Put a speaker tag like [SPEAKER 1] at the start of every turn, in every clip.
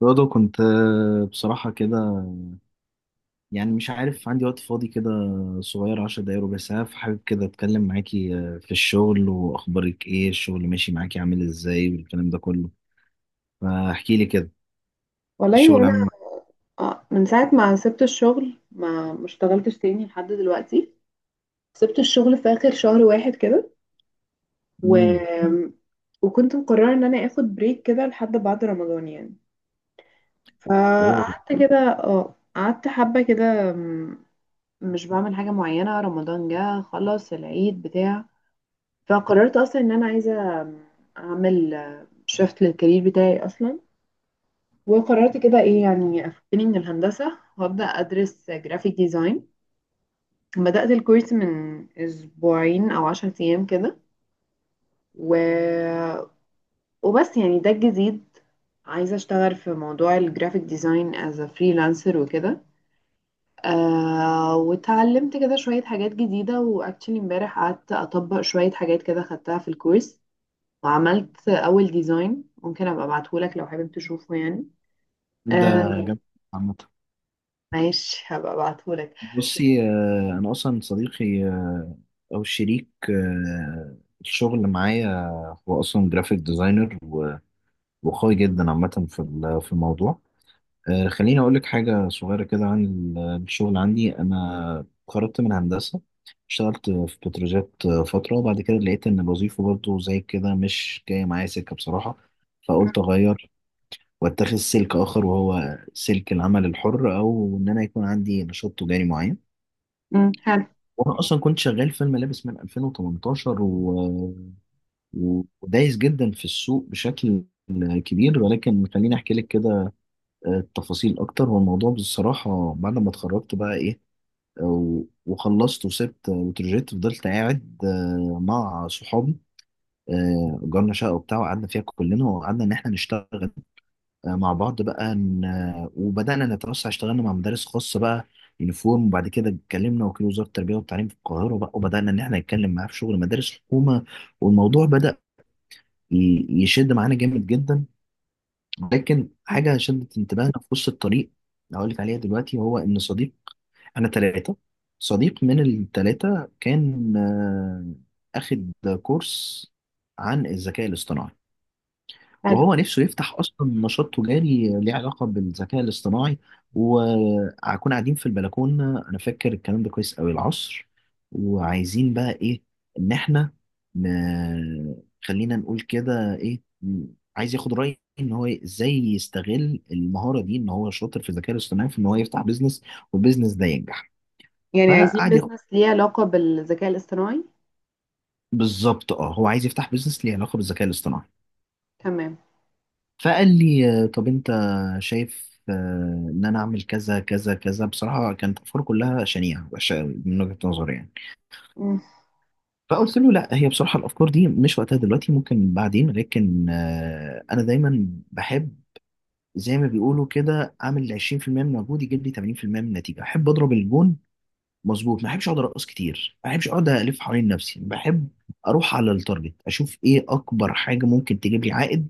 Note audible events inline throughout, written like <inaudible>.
[SPEAKER 1] برضه كنت بصراحة كده. يعني مش عارف، عندي وقت فاضي كده صغير، عشر دقايق ربع ساعة، فحابب كده أتكلم معاكي في الشغل وأخبارك إيه. الشغل ماشي معاكي؟ عامل إزاي والكلام ده كله؟ فاحكي لي كده.
[SPEAKER 2] والله
[SPEAKER 1] الشغل
[SPEAKER 2] وانا
[SPEAKER 1] عامل معاكي؟
[SPEAKER 2] من ساعه ما سبت الشغل ما اشتغلتش تاني لحد دلوقتي. سبت الشغل في اخر شهر واحد كده. و...
[SPEAKER 1] مم.
[SPEAKER 2] وكنت مقرره ان انا اخد بريك كده لحد بعد رمضان يعني.
[SPEAKER 1] أوه.
[SPEAKER 2] فقعدت كده. اه قعدت حبه كده. مش بعمل حاجه معينه. رمضان جه خلص العيد بتاع. فقررت اصلا ان انا عايزه، آه، اعمل، شفت للكارير بتاعي اصلا وقررت كده ايه يعني افكني من الهندسه وابدا ادرس جرافيك ديزاين. بدأت الكورس من أسبوعين أو 10 أيام كده. و... وبس يعني ده الجديد. عايزة أشتغل في موضوع الجرافيك ديزاين as a freelancer وكده. آه، واتعلمت كده شوية حاجات جديدة وأكتشلي امبارح قعدت أطبق شوية حاجات كده خدتها في الكورس وعملت أول ديزاين. ممكن أبقى أبعتهولك لو حابب تشوفه يعني.
[SPEAKER 1] ده
[SPEAKER 2] آه.
[SPEAKER 1] جامد عامة.
[SPEAKER 2] ماشي، هبقى أبعتهولك.
[SPEAKER 1] بصي، أنا أصلا صديقي أو شريك الشغل معايا، هو أصلا جرافيك ديزاينر وقوي جدا عامة في في الموضوع. خليني أقول لك حاجة صغيرة كده عن الشغل. عندي أنا خرجت من هندسة، اشتغلت في بتروجيت فترة، وبعد كده لقيت إن الوظيفة برضو زي كده مش جاية معايا سكة بصراحة، فقلت أغير وأتخذ سلك آخر، وهو سلك العمل الحر أو إن أنا يكون عندي نشاط تجاري معين.
[SPEAKER 2] حلو
[SPEAKER 1] وأنا أصلا كنت شغال في الملابس من 2018 ودايس جدا في السوق بشكل كبير، ولكن خليني أحكي لك كده التفاصيل اكتر. والموضوع بصراحه بعد ما اتخرجت بقى ايه، وخلصت وسبت وترجيت، فضلت قاعد مع صحابي. اجرنا شقه وبتاع وقعدنا فيها كلنا، وقعدنا ان احنا نشتغل مع بعض بقى. وبدانا نتوسع، اشتغلنا مع مدارس خاصه بقى يونيفورم، وبعد كده اتكلمنا وكيل وزاره التربيه والتعليم في القاهره بقى، وبدانا ان احنا نتكلم معاه في شغل مدارس حكومه. والموضوع بدا يشد معانا جامد جدا. لكن حاجة شدت انتباهنا في وسط الطريق هقول لك عليها دلوقتي، هو إن صديق أنا تلاتة، صديق من التلاتة كان أخد كورس عن الذكاء الاصطناعي،
[SPEAKER 2] حلو.
[SPEAKER 1] وهو نفسه يفتح اصلا نشاط تجاري ليه علاقه بالذكاء الاصطناعي. وهكون قاعدين في البلكونه، انا فاكر الكلام ده كويس قوي، العصر، وعايزين بقى ايه، ان احنا ن- خلينا نقول كده ايه، عايز ياخد رايي ان هو ازاي يستغل المهاره دي، ان هو شاطر في الذكاء الاصطناعي، في ان هو يفتح بيزنس والبيزنس ده ينجح.
[SPEAKER 2] يعني عايزين
[SPEAKER 1] فقعد ياخد.
[SPEAKER 2] بيزنس ليه علاقة بالذكاء الاصطناعي؟
[SPEAKER 1] بالظبط اه هو عايز يفتح بيزنس ليه علاقه بالذكاء الاصطناعي.
[SPEAKER 2] تمام.
[SPEAKER 1] فقال لي طب انت شايف ان انا اعمل كذا كذا كذا. بصراحه كانت افكار كلها شنيعه وحشه أوي من وجهه نظري يعني.
[SPEAKER 2] <laughs> مم.
[SPEAKER 1] فقلت له لا، هي بصراحه الافكار دي مش وقتها دلوقتي، ممكن بعدين، لكن انا دايما بحب زي ما بيقولوا كده، اعمل 20% من مجهود يجيب لي 80% من النتيجه. احب اضرب الجون مظبوط، ما احبش اقعد ارقص كتير، ما احبش اقعد الف حوالين نفسي، بحب اروح على التارجت، اشوف ايه اكبر حاجه ممكن تجيب لي عائد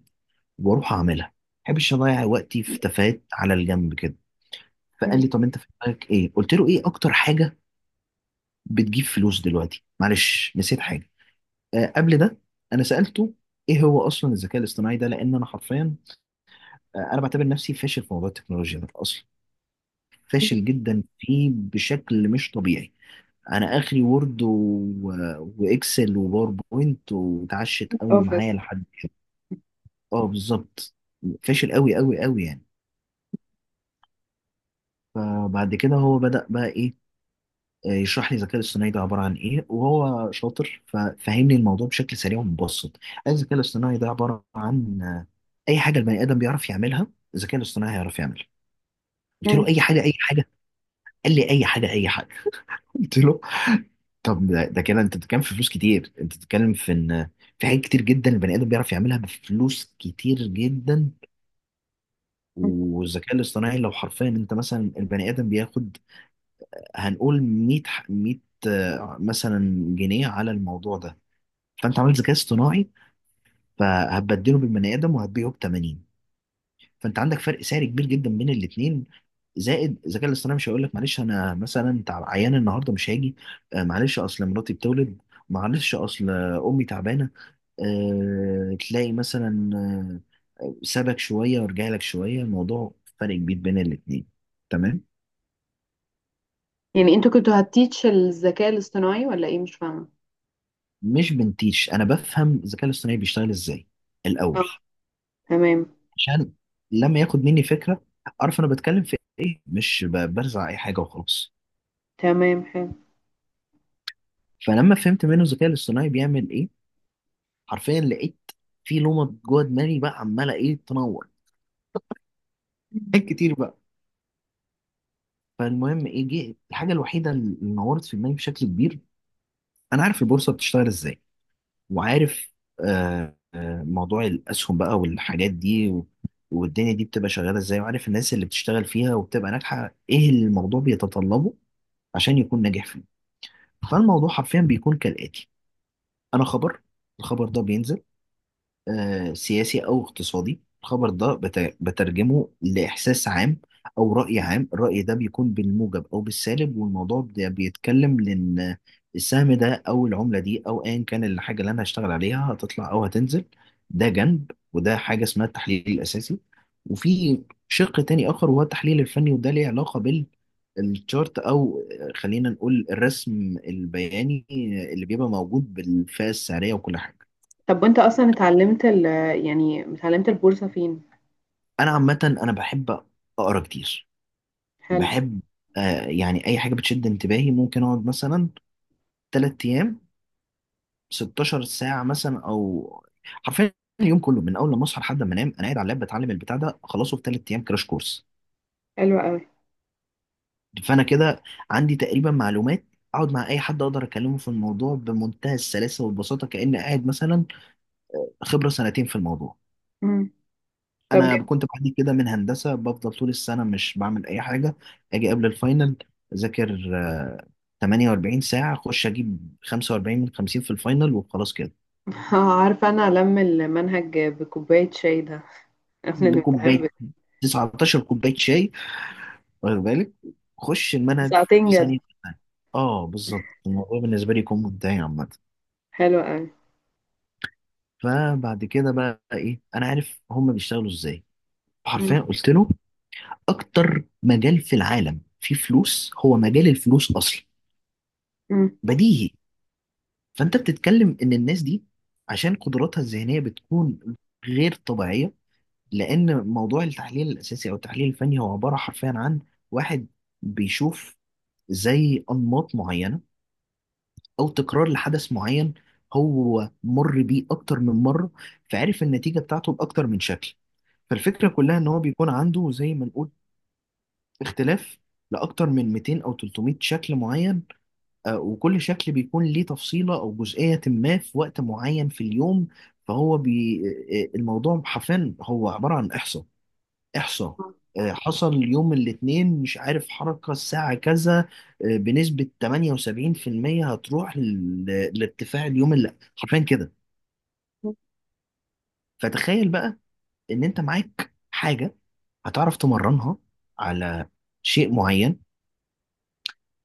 [SPEAKER 1] واروح اعملها. ما بحبش اضيع وقتي في تفاهات على الجنب كده. فقال
[SPEAKER 2] مم.
[SPEAKER 1] لي طب انت في دماغك ايه؟ قلت له ايه اكتر حاجه بتجيب فلوس دلوقتي؟ معلش نسيت حاجه. آه قبل ده انا سالته ايه هو اصلا الذكاء الاصطناعي ده، لان انا حرفيا، آه انا بعتبر نفسي فاشل في موضوع التكنولوجيا ده اصلا. فاشل جدا فيه بشكل مش طبيعي. انا اخري وورد واكسل وباوربوينت، واتعشت قوي معايا
[SPEAKER 2] اوفيس.
[SPEAKER 1] لحد. اه بالظبط. فاشل قوي قوي قوي يعني. فبعد كده هو بدأ بقى ايه يشرح لي الذكاء الاصطناعي ده عبارة عن إيه، وهو شاطر ففهمني الموضوع بشكل سريع ومبسط. الذكاء الاصطناعي ده عبارة عن، أي حاجة البني آدم بيعرف يعملها، الذكاء الاصطناعي هيعرف يعملها. قلت له
[SPEAKER 2] مم.
[SPEAKER 1] أي حاجة أي حاجة؟ قال لي أي حاجة أي حاجة. <laughs> قلت له طب ده كده أنت بتتكلم في فلوس كتير، أنت بتتكلم في إن في حاجات كتير جدا البني آدم بيعرف يعملها بفلوس كتير جدا،
[SPEAKER 2] مم.
[SPEAKER 1] والذكاء الاصطناعي لو حرفيا أنت مثلا، البني آدم بياخد هنقول 100، 100 مثلا جنيه على الموضوع ده، فانت عملت ذكاء اصطناعي فهتبدله بالبني ادم، وهتبيعه ب 80، فانت عندك فرق سعر كبير جدا بين الاثنين. زائد الذكاء الاصطناعي مش هيقول لك معلش انا مثلا عيان النهارده مش هاجي، معلش اصل مراتي بتولد، معلش اصل امي تعبانه، تلاقي مثلا سابك شويه ورجع لك شويه. الموضوع فرق كبير بين الاثنين. تمام.
[SPEAKER 2] <laughs> يعني انتوا كنتوا هتتيتش الذكاء الاصطناعي ولا ايه؟ مش فاهمة.
[SPEAKER 1] مش بنتيش، انا بفهم الذكاء الاصطناعي بيشتغل ازاي الاول،
[SPEAKER 2] اه، تمام.
[SPEAKER 1] عشان لما ياخد مني فكره اعرف انا بتكلم في ايه، مش برزع اي حاجه وخلاص.
[SPEAKER 2] تمام، حلو.
[SPEAKER 1] فلما فهمت منه الذكاء الاصطناعي بيعمل ايه، حرفيا لقيت في لومه جوه دماغي بقى عماله ايه، تنور
[SPEAKER 2] مم.
[SPEAKER 1] حاجات كتير بقى. فالمهم ايه، جه الحاجه الوحيده اللي نورت في دماغي بشكل كبير، انا عارف البورصه بتشتغل ازاي، وعارف موضوع الاسهم بقى والحاجات دي، والدنيا دي بتبقى شغاله ازاي، وعارف الناس اللي بتشتغل فيها وبتبقى ناجحه، ايه اللي الموضوع بيتطلبه عشان يكون ناجح. فالموضوع حرفيا بيكون كالآتي، أنا خبر، الخبر ده بينزل، سياسي أو اقتصادي، الخبر ده بترجمه لإحساس عام أو رأي عام. الرأي ده بيكون بالموجب أو بالسالب، والموضوع ده بيتكلم لأن السهم ده أو العملة دي أو أيا كان الحاجة اللي أنا هشتغل عليها هتطلع أو هتنزل. ده جنب، وده حاجة اسمها التحليل الأساسي، وفي شق تاني آخر وهو التحليل الفني، وده ليه علاقة بال الشارت او خلينا نقول الرسم البياني اللي بيبقى موجود بالفئه السعريه وكل حاجه.
[SPEAKER 2] طب وانت اصلا اتعلمت ال يعني اتعلمت البورصة فين؟
[SPEAKER 1] انا عامه انا بحب اقرا كتير.
[SPEAKER 2] حلو.
[SPEAKER 1] بحب، آه يعني اي حاجه بتشد انتباهي ممكن اقعد مثلا 3 ايام 16 ساعه مثلا، او حرفيا اليوم كله من اول ما اصحى لحد ما انام، انا قاعد على اللاب بتعلم البتاع ده اخلصه في 3 ايام، كراش كورس.
[SPEAKER 2] حلو قوي.
[SPEAKER 1] فانا كده عندي تقريبا معلومات اقعد مع اي حد اقدر اكلمه في الموضوع بمنتهى السلاسه والبساطه، كاني قاعد مثلا خبره سنتين في الموضوع.
[SPEAKER 2] مم. طب
[SPEAKER 1] انا
[SPEAKER 2] جميل.
[SPEAKER 1] كنت بعاني كده من هندسه، بفضل طول السنه مش بعمل اي حاجه، اجي قبل الفاينل اذاكر 48 ساعه، اخش اجيب 45 من 50 في الفاينل وخلاص كده.
[SPEAKER 2] <laughs> عارفة انا الم المنهج بكوباية شاي ده. <laughs> قبل الامتحان
[SPEAKER 1] بكوبايه 19 كوبايه شاي، واخد بالك، خش المنهج
[SPEAKER 2] بساعتين
[SPEAKER 1] في ثانيه.
[SPEAKER 2] جد.
[SPEAKER 1] اه بالظبط، الموضوع بالنسبه لي يكون منتهي عامه.
[SPEAKER 2] حلو قوي.
[SPEAKER 1] فبعد كده بقى ايه، انا عارف هم بيشتغلوا ازاي.
[SPEAKER 2] مم.
[SPEAKER 1] حرفيا قلت له اكتر مجال في العالم فيه فلوس هو مجال الفلوس اصلا،
[SPEAKER 2] مم.
[SPEAKER 1] بديهي. فانت بتتكلم ان الناس دي عشان قدراتها الذهنيه بتكون غير طبيعيه، لان موضوع التحليل الاساسي او التحليل الفني هو عباره حرفيا عن واحد بيشوف زي انماط معينه او تكرار لحدث معين هو مر بيه اكتر من مره، فعرف النتيجه بتاعته باكتر من شكل. فالفكره كلها ان هو بيكون عنده زي ما نقول اختلاف لاكتر من 200 او 300 شكل معين. وكل شكل بيكون ليه تفصيلة أو جزئية ما في وقت معين في اليوم. فهو بي... آه، آه، الموضوع حرفيا هو عبارة عن إحصاء إحصاء. حصل يوم الاثنين مش عارف حركة الساعة كذا، بنسبة 78% هتروح لارتفاع اليوم اللي حرفيا كده. فتخيل بقى إن أنت معاك حاجة هتعرف تمرنها على شيء معين،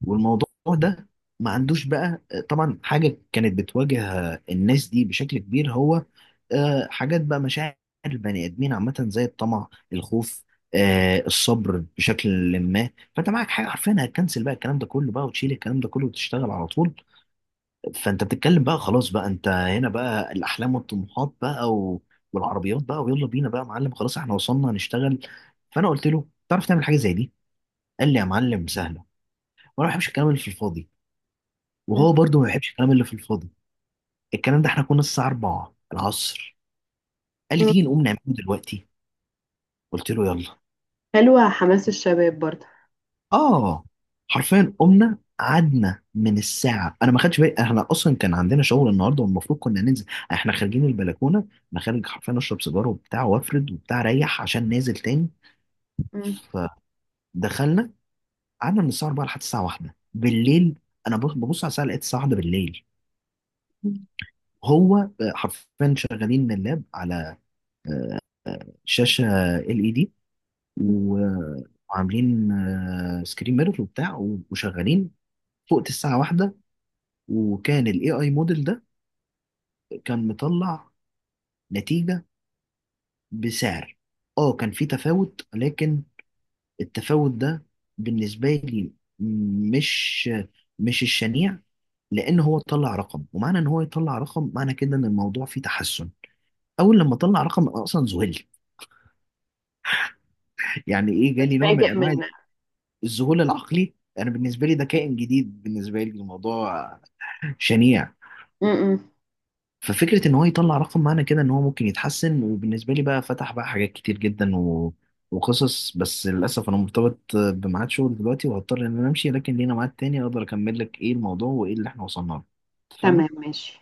[SPEAKER 1] والموضوع ده ما عندوش بقى طبعا حاجة كانت بتواجه الناس دي بشكل كبير، هو، حاجات بقى مشاعر البني آدمين عامة زي الطمع، الخوف، الصبر بشكل ما. فانت معاك حاجة حرفيا هتكنسل بقى الكلام ده كله بقى، وتشيل الكلام ده كله وتشتغل على طول. فانت بتتكلم بقى خلاص بقى، انت هنا بقى الأحلام والطموحات بقى والعربيات بقى، ويلا بينا بقى يا معلم، خلاص احنا وصلنا هنشتغل. فانا قلت له تعرف تعمل حاجة زي دي؟ قال لي يا معلم سهلة. وانا ما بحبش الكلام اللي في الفاضي،
[SPEAKER 2] مم.
[SPEAKER 1] وهو برضه ما بيحبش الكلام اللي في الفاضي. الكلام ده احنا كنا الساعة 4 العصر، قال لي
[SPEAKER 2] مم.
[SPEAKER 1] تيجي نقوم نعمله دلوقتي. قلت له يلا.
[SPEAKER 2] حلوة، حماس الشباب برضه.
[SPEAKER 1] اه حرفيا قمنا قعدنا من الساعة، أنا ما خدتش بالي احنا أصلا كان عندنا شغل النهاردة والمفروض كنا ننزل. احنا خارجين البلكونة، أنا خارج حرفيا أشرب سيجارة وبتاع وأفرد وبتاع أريح عشان نازل تاني.
[SPEAKER 2] مم.
[SPEAKER 1] فدخلنا قعدنا من الساعة 4 لحد الساعة 1 بالليل. أنا ببص على الساعة لقيت الساعة 1 بالليل.
[SPEAKER 2] مم.
[SPEAKER 1] هو حرفيا شغالين اللاب على شاشة ال اي دي، و- وعاملين سكرين ميرور وبتاع، وشغالين. فوقت الساعة واحدة، وكان الاي اي موديل ده كان مطلع نتيجة بسعر، اه كان في تفاوت، لكن التفاوت ده بالنسبة لي مش الشنيع، لان هو طلع رقم، ومعنى ان هو يطلع رقم، معنى كده ان الموضوع فيه تحسن. اول لما طلع رقم أنا اصلا ذهلت. <laughs> يعني ايه، جالي نوع من
[SPEAKER 2] بتفاجئ
[SPEAKER 1] انواع
[SPEAKER 2] من.
[SPEAKER 1] الذهول العقلي. انا بالنسبه لي ده كائن جديد، بالنسبه لي الموضوع شنيع.
[SPEAKER 2] م- م.
[SPEAKER 1] ففكرة ان هو يطلع رقم معنى كده ان هو ممكن يتحسن، وبالنسبة لي بقى فتح بقى حاجات كتير جدا وقصص، بس للأسف انا مرتبط بميعاد شغل دلوقتي وهضطر ان انا امشي، لكن لينا ميعاد تاني اقدر اكمل لك ايه الموضوع وايه اللي احنا وصلنا له.
[SPEAKER 2] تمام
[SPEAKER 1] اتفقنا؟
[SPEAKER 2] ماشي.